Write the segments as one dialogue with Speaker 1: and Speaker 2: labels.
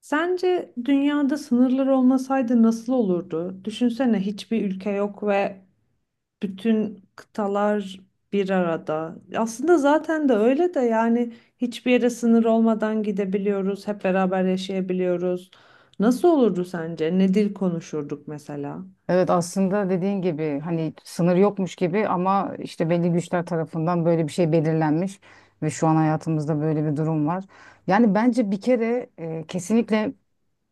Speaker 1: Sence dünyada sınırlar olmasaydı nasıl olurdu? Düşünsene hiçbir ülke yok ve bütün kıtalar bir arada. Aslında zaten de öyle de yani hiçbir yere sınır olmadan gidebiliyoruz, hep beraber yaşayabiliyoruz. Nasıl olurdu sence? Ne dil konuşurduk mesela?
Speaker 2: Evet, aslında dediğin gibi hani sınır yokmuş gibi ama işte belli güçler tarafından böyle bir şey belirlenmiş ve şu an hayatımızda böyle bir durum var. Yani bence bir kere kesinlikle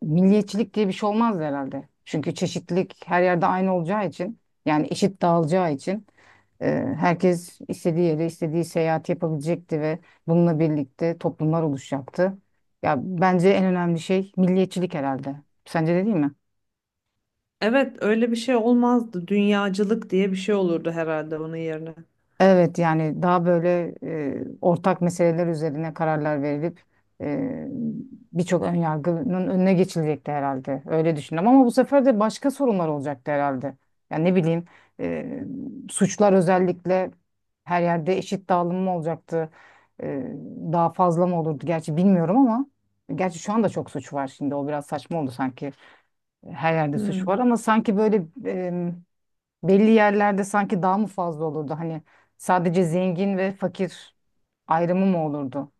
Speaker 2: milliyetçilik diye bir şey olmazdı herhalde. Çünkü çeşitlilik her yerde aynı olacağı için, yani eşit dağılacağı için, e, herkes istediği yere istediği seyahat yapabilecekti ve bununla birlikte toplumlar oluşacaktı. Ya bence en önemli şey milliyetçilik herhalde. Sence de değil mi?
Speaker 1: Evet, öyle bir şey olmazdı. Dünyacılık diye bir şey olurdu herhalde onun yerine.
Speaker 2: Evet, yani daha böyle ortak meseleler üzerine kararlar verilip e, birçok önyargının önüne geçilecekti herhalde. Öyle düşündüm ama bu sefer de başka sorunlar olacaktı herhalde. Yani ne bileyim, e, suçlar özellikle her yerde eşit dağılım mı olacaktı? E, Daha fazla mı olurdu? Gerçi bilmiyorum ama gerçi şu anda çok suç var, şimdi o biraz saçma oldu sanki. Her yerde suç var
Speaker 1: Hmm.
Speaker 2: ama sanki böyle belli yerlerde sanki daha mı fazla olurdu? Hani sadece zengin ve fakir ayrımı mı olurdu?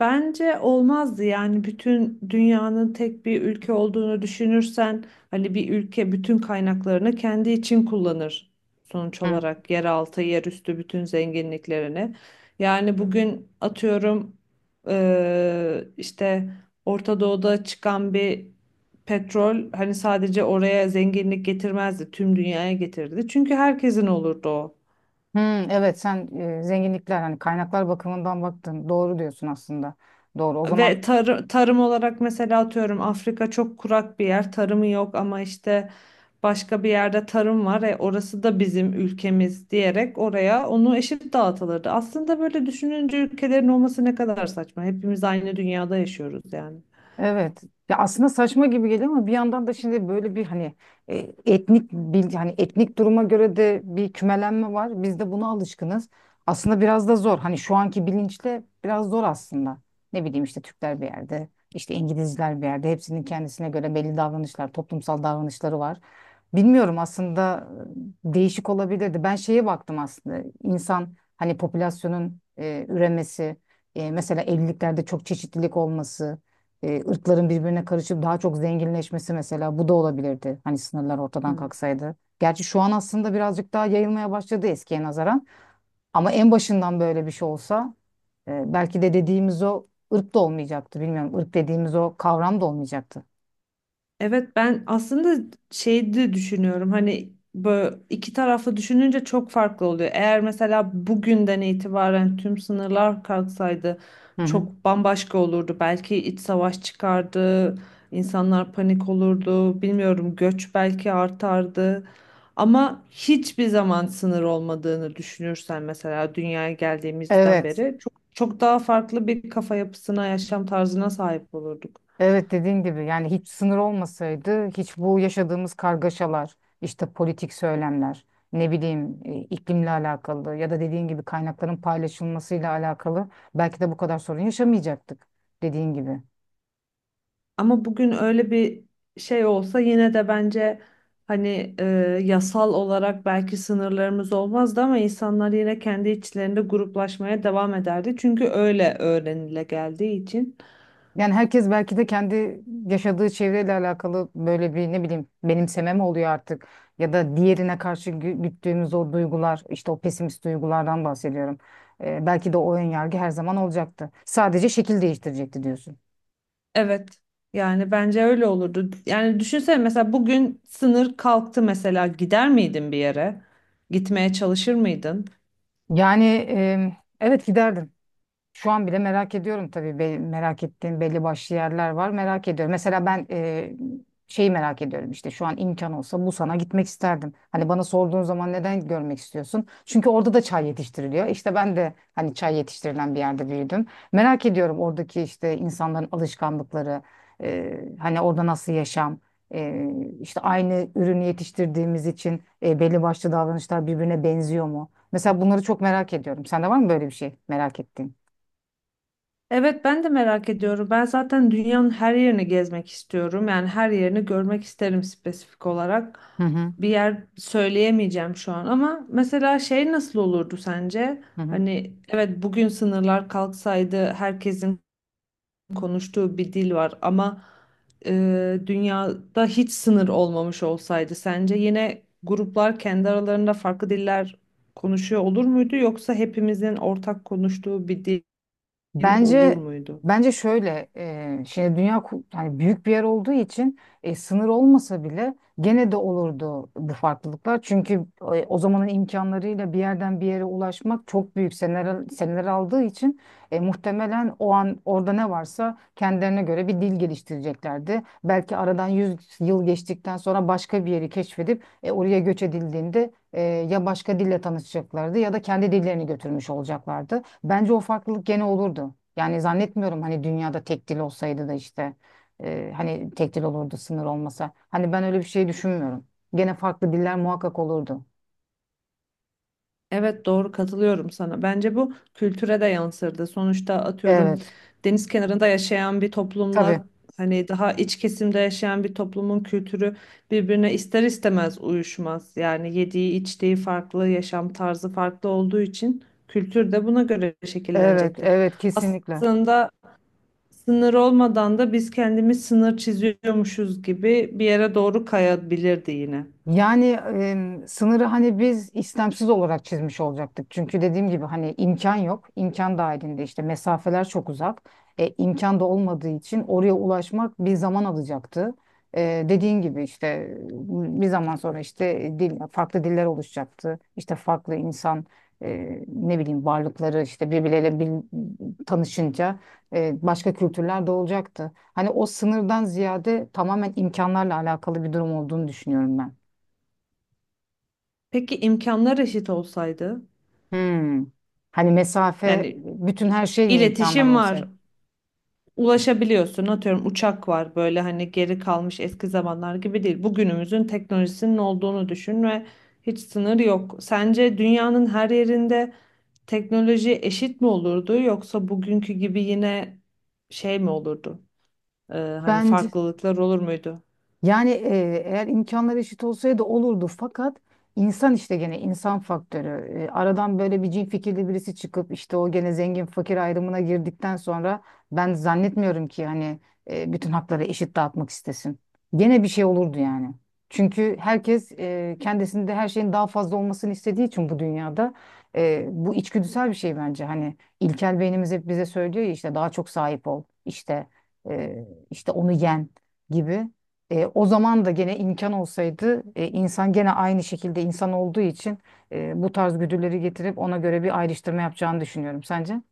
Speaker 1: Bence olmazdı yani bütün dünyanın tek bir ülke olduğunu düşünürsen hani bir ülke bütün kaynaklarını kendi için kullanır sonuç
Speaker 2: Hı.
Speaker 1: olarak yeraltı, yerüstü bütün zenginliklerini. Yani bugün atıyorum işte Orta Doğu'da çıkan bir petrol hani sadece oraya zenginlik getirmezdi, tüm dünyaya getirdi. Çünkü herkesin olurdu o.
Speaker 2: Hmm, evet sen zenginlikler, hani kaynaklar bakımından baktın. Doğru diyorsun aslında. Doğru. O zaman
Speaker 1: Ve tarım olarak mesela atıyorum Afrika çok kurak bir yer, tarımı yok ama işte başka bir yerde tarım var, e orası da bizim ülkemiz diyerek oraya onu eşit dağıtılırdı. Aslında böyle düşününce ülkelerin olması ne kadar saçma. Hepimiz aynı dünyada yaşıyoruz yani.
Speaker 2: evet. Ya aslında saçma gibi geliyor ama bir yandan da şimdi böyle bir hani e, etnik hani etnik duruma göre de bir kümelenme var. Biz de buna alışkınız. Aslında biraz da zor. Hani şu anki bilinçle biraz zor aslında. Ne bileyim işte Türkler bir yerde, işte İngilizler bir yerde. Hepsinin kendisine göre belli davranışlar, toplumsal davranışları var. Bilmiyorum aslında, değişik olabilirdi. Ben şeye baktım aslında. İnsan hani popülasyonun üremesi, mesela evliliklerde çok çeşitlilik olması, ırkların birbirine karışıp daha çok zenginleşmesi, mesela bu da olabilirdi. Hani sınırlar ortadan
Speaker 1: Hı.
Speaker 2: kalksaydı. Gerçi şu an aslında birazcık daha yayılmaya başladı eskiye nazaran. Ama en başından böyle bir şey olsa belki de dediğimiz o ırk da olmayacaktı. Bilmiyorum, ırk dediğimiz o kavram da olmayacaktı.
Speaker 1: Evet ben aslında şey de düşünüyorum hani böyle iki taraflı düşününce çok farklı oluyor. Eğer mesela bugünden itibaren tüm sınırlar kalksaydı
Speaker 2: Hı hı.
Speaker 1: çok bambaşka olurdu. Belki iç savaş çıkardı, insanlar panik olurdu, bilmiyorum göç belki artardı. Ama hiçbir zaman sınır olmadığını düşünürsen mesela dünyaya geldiğimizden
Speaker 2: Evet.
Speaker 1: beri çok çok daha farklı bir kafa yapısına, yaşam tarzına sahip olurduk.
Speaker 2: Evet, dediğin gibi yani hiç sınır olmasaydı hiç bu yaşadığımız kargaşalar, işte politik söylemler, ne bileyim, iklimle alakalı ya da dediğin gibi kaynakların paylaşılmasıyla alakalı, belki de bu kadar sorun yaşamayacaktık, dediğin gibi.
Speaker 1: Ama bugün öyle bir şey olsa yine de bence hani yasal olarak belki sınırlarımız olmazdı ama insanlar yine kendi içlerinde gruplaşmaya devam ederdi. Çünkü öyle öğrenile geldiği için.
Speaker 2: Yani herkes belki de kendi yaşadığı çevreyle alakalı böyle bir ne bileyim benimseme mi oluyor artık, ya da diğerine karşı güttüğümüz o duygular, işte o pesimist duygulardan bahsediyorum. Belki de o ön yargı her zaman olacaktı. Sadece şekil değiştirecekti diyorsun.
Speaker 1: Evet. Yani bence öyle olurdu. Yani düşünsene mesela bugün sınır kalktı mesela gider miydin bir yere? Gitmeye çalışır mıydın?
Speaker 2: Yani evet, giderdim. Şu an bile merak ediyorum tabii. Merak ettiğim belli başlı yerler var. Merak ediyorum. Mesela ben şeyi merak ediyorum, işte şu an imkan olsa Busan'a gitmek isterdim. Hani bana sorduğun zaman neden görmek istiyorsun? Çünkü orada da çay yetiştiriliyor. İşte ben de hani çay yetiştirilen bir yerde büyüdüm. Merak ediyorum oradaki işte insanların alışkanlıkları, hani orada nasıl yaşam, e, işte aynı ürünü yetiştirdiğimiz için belli başlı davranışlar birbirine benziyor mu? Mesela bunları çok merak ediyorum. Sende var mı böyle bir şey merak ettiğin?
Speaker 1: Evet ben de merak ediyorum. Ben zaten dünyanın her yerini gezmek istiyorum. Yani her yerini görmek isterim spesifik olarak.
Speaker 2: Hı hı,
Speaker 1: Bir yer söyleyemeyeceğim şu an ama mesela şey nasıl olurdu sence?
Speaker 2: hı hı.
Speaker 1: Hani evet bugün sınırlar kalksaydı herkesin konuştuğu bir dil var ama dünyada hiç sınır olmamış olsaydı sence yine gruplar kendi aralarında farklı diller konuşuyor olur muydu yoksa hepimizin ortak konuştuğu bir dil olur
Speaker 2: Bence
Speaker 1: muydu?
Speaker 2: bence şöyle, şey, dünya hani büyük bir yer olduğu için sınır olmasa bile gene de olurdu bu farklılıklar. Çünkü o zamanın imkanlarıyla bir yerden bir yere ulaşmak çok büyük seneler seneler aldığı için muhtemelen o an orada ne varsa kendilerine göre bir dil geliştireceklerdi. Belki aradan 100 yıl geçtikten sonra başka bir yeri keşfedip oraya göç edildiğinde ya başka dille tanışacaklardı ya da kendi dillerini götürmüş olacaklardı. Bence o farklılık gene olurdu. Yani zannetmiyorum, hani dünyada tek dil olsaydı da işte hani tek dil olurdu sınır olmasa. Hani ben öyle bir şey düşünmüyorum. Gene farklı diller muhakkak olurdu.
Speaker 1: Evet doğru katılıyorum sana. Bence bu kültüre de yansırdı. Sonuçta atıyorum
Speaker 2: Evet,
Speaker 1: deniz kenarında yaşayan bir toplumla
Speaker 2: tabii.
Speaker 1: hani daha iç kesimde yaşayan bir toplumun kültürü birbirine ister istemez uyuşmaz. Yani yediği içtiği farklı, yaşam tarzı farklı olduğu için kültür de buna göre
Speaker 2: Evet,
Speaker 1: şekillenecektir.
Speaker 2: evet kesinlikle.
Speaker 1: Aslında sınır olmadan da biz kendimiz sınır çiziyormuşuz gibi bir yere doğru kayabilirdi yine.
Speaker 2: Yani sınırı hani biz istemsiz olarak çizmiş olacaktık. Çünkü dediğim gibi hani imkan yok. İmkan dahilinde işte mesafeler çok uzak. İmkan da olmadığı için oraya ulaşmak bir zaman alacaktı. Dediğin gibi işte bir zaman sonra işte dil, farklı diller oluşacaktı. İşte farklı insan, ne bileyim varlıkları işte birbirleriyle tanışınca başka kültürler de olacaktı. Hani o sınırdan ziyade tamamen imkanlarla alakalı bir durum olduğunu düşünüyorum ben.
Speaker 1: Peki imkanlar eşit olsaydı?
Speaker 2: Hmm. Hani mesafe,
Speaker 1: Yani
Speaker 2: bütün
Speaker 1: i-
Speaker 2: her şey mi imkanlar
Speaker 1: iletişim
Speaker 2: olsaydı?
Speaker 1: var, ulaşabiliyorsun. Atıyorum uçak var böyle hani geri kalmış eski zamanlar gibi değil. Bugünümüzün teknolojisinin olduğunu düşün ve hiç sınır yok. Sence dünyanın her yerinde teknoloji eşit mi olurdu yoksa bugünkü gibi yine şey mi olurdu? Hani
Speaker 2: Bence,
Speaker 1: farklılıklar olur muydu?
Speaker 2: yani eğer imkanlar eşit olsaydı olurdu, fakat insan işte gene insan faktörü. Aradan böyle bir cin fikirli birisi çıkıp işte o gene zengin fakir ayrımına girdikten sonra, ben zannetmiyorum ki hani bütün hakları eşit dağıtmak istesin. Gene bir şey olurdu yani. Çünkü herkes kendisinde her şeyin daha fazla olmasını istediği için bu dünyada, bu içgüdüsel bir şey bence. Hani ilkel beynimiz hep bize söylüyor ya, işte daha çok sahip ol, işte işte onu yen gibi. O zaman da gene imkan olsaydı insan gene aynı şekilde insan olduğu için bu tarz güdüleri getirip ona göre bir ayrıştırma yapacağını düşünüyorum. Sence?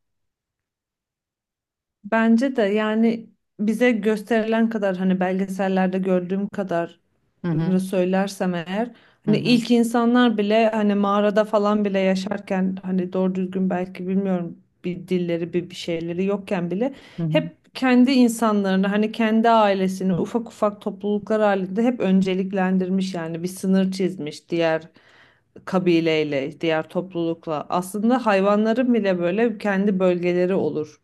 Speaker 1: Bence de yani bize gösterilen kadar hani belgesellerde gördüğüm kadar
Speaker 2: Hı hı.
Speaker 1: söylersem eğer
Speaker 2: Hı
Speaker 1: hani
Speaker 2: hı.
Speaker 1: ilk insanlar bile hani mağarada falan bile yaşarken hani doğru düzgün belki bilmiyorum bir dilleri bir şeyleri yokken bile
Speaker 2: Hı hı.
Speaker 1: hep kendi insanlarını hani kendi ailesini ufak ufak topluluklar halinde hep önceliklendirmiş yani bir sınır çizmiş diğer kabileyle, diğer toplulukla. Aslında hayvanların bile böyle kendi bölgeleri olur.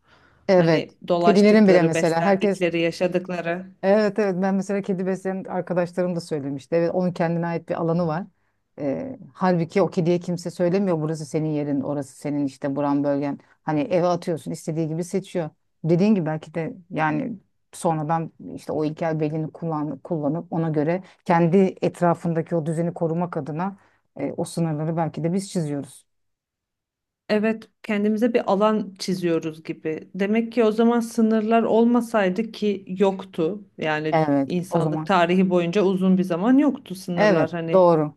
Speaker 2: Evet.
Speaker 1: Hani
Speaker 2: Kedilerin bile
Speaker 1: dolaştıkları,
Speaker 2: mesela herkes
Speaker 1: beslendikleri, yaşadıkları.
Speaker 2: evet, evet, ben mesela kedi besleyen arkadaşlarım da söylemişti. Evet, onun kendine ait bir alanı var. Halbuki o kediye kimse söylemiyor burası senin yerin, orası senin, işte buran bölgen. Hani eve atıyorsun, istediği gibi seçiyor. Dediğin gibi belki de yani sonradan işte o ilkel belini kullanıp ona göre kendi etrafındaki o düzeni korumak adına o sınırları belki de biz çiziyoruz.
Speaker 1: Evet, kendimize bir alan çiziyoruz gibi. Demek ki o zaman sınırlar olmasaydı ki yoktu. Yani
Speaker 2: Evet, o
Speaker 1: insanlık
Speaker 2: zaman.
Speaker 1: tarihi boyunca uzun bir zaman yoktu sınırlar
Speaker 2: Evet,
Speaker 1: hani.
Speaker 2: doğru.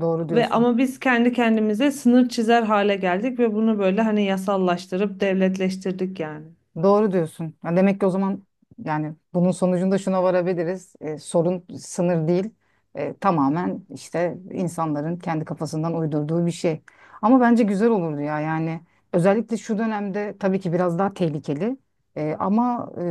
Speaker 2: Doğru
Speaker 1: Ve
Speaker 2: diyorsun.
Speaker 1: ama biz kendi kendimize sınır çizer hale geldik ve bunu böyle hani yasallaştırıp devletleştirdik yani.
Speaker 2: Doğru diyorsun. Ya demek ki o zaman yani bunun sonucunda şuna varabiliriz. E, sorun sınır değil. E, tamamen işte insanların kendi kafasından uydurduğu bir şey. Ama bence güzel olurdu ya yani. Özellikle şu dönemde tabii ki biraz daha tehlikeli. Ama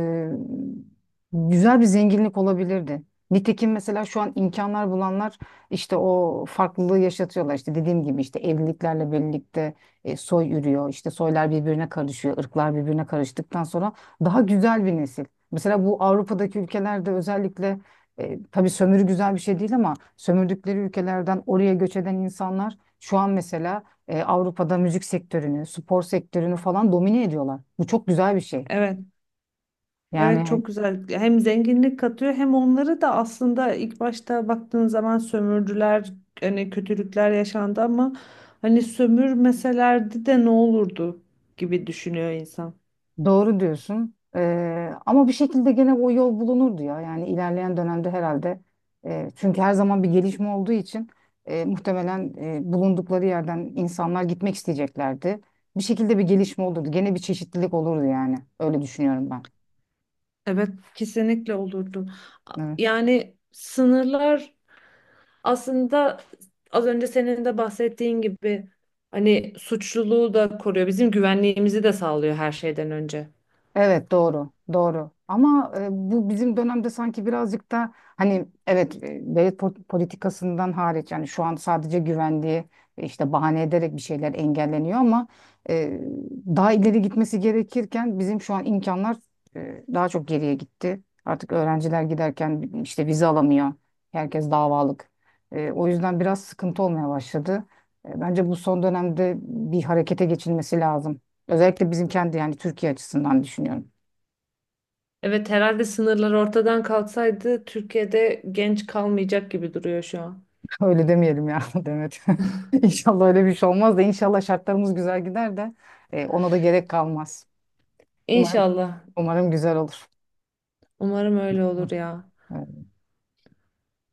Speaker 2: güzel bir zenginlik olabilirdi. Nitekim mesela şu an imkanlar bulanlar işte o farklılığı yaşatıyorlar. İşte dediğim gibi işte evliliklerle birlikte soy yürüyor. İşte soylar birbirine karışıyor, ırklar birbirine karıştıktan sonra daha güzel bir nesil. Mesela bu Avrupa'daki ülkelerde özellikle tabii sömürü güzel bir şey değil, ama sömürdükleri ülkelerden oraya göç eden insanlar şu an mesela Avrupa'da müzik sektörünü, spor sektörünü falan domine ediyorlar. Bu çok güzel bir şey.
Speaker 1: Evet. Evet
Speaker 2: Yani
Speaker 1: çok güzel. Hem zenginlik katıyor hem onları da aslında ilk başta baktığın zaman sömürdüler, hani kötülükler yaşandı ama hani sömürmeselerdi de ne olurdu gibi düşünüyor insan.
Speaker 2: doğru diyorsun. Ama bir şekilde gene o yol bulunurdu ya. Yani ilerleyen dönemde herhalde, çünkü her zaman bir gelişme olduğu için muhtemelen bulundukları yerden insanlar gitmek isteyeceklerdi. Bir şekilde bir gelişme olurdu. Gene bir çeşitlilik olurdu yani. Öyle düşünüyorum ben.
Speaker 1: Evet kesinlikle olurdu.
Speaker 2: Evet.
Speaker 1: Yani sınırlar aslında az önce senin de bahsettiğin gibi hani suçluluğu da koruyor. Bizim güvenliğimizi de sağlıyor her şeyden önce.
Speaker 2: Evet, doğru doğru, ama bu bizim dönemde sanki birazcık da hani, evet, devlet politikasından hariç yani şu an sadece güvenliği işte bahane ederek bir şeyler engelleniyor ama e, daha ileri gitmesi gerekirken bizim şu an imkanlar daha çok geriye gitti. Artık öğrenciler giderken işte vize alamıyor. Herkes davalık. E, o yüzden biraz sıkıntı olmaya başladı. E, bence bu son dönemde bir harekete geçilmesi lazım. Özellikle bizim kendi yani Türkiye açısından düşünüyorum.
Speaker 1: Evet herhalde sınırlar ortadan kalksaydı Türkiye'de genç kalmayacak gibi duruyor şu an.
Speaker 2: Öyle demeyelim ya Demet. İnşallah öyle bir şey olmaz da inşallah şartlarımız güzel gider de ona da gerek kalmaz. Umarım,
Speaker 1: İnşallah.
Speaker 2: umarım güzel olur.
Speaker 1: Umarım öyle
Speaker 2: Hı,
Speaker 1: olur ya.
Speaker 2: evet.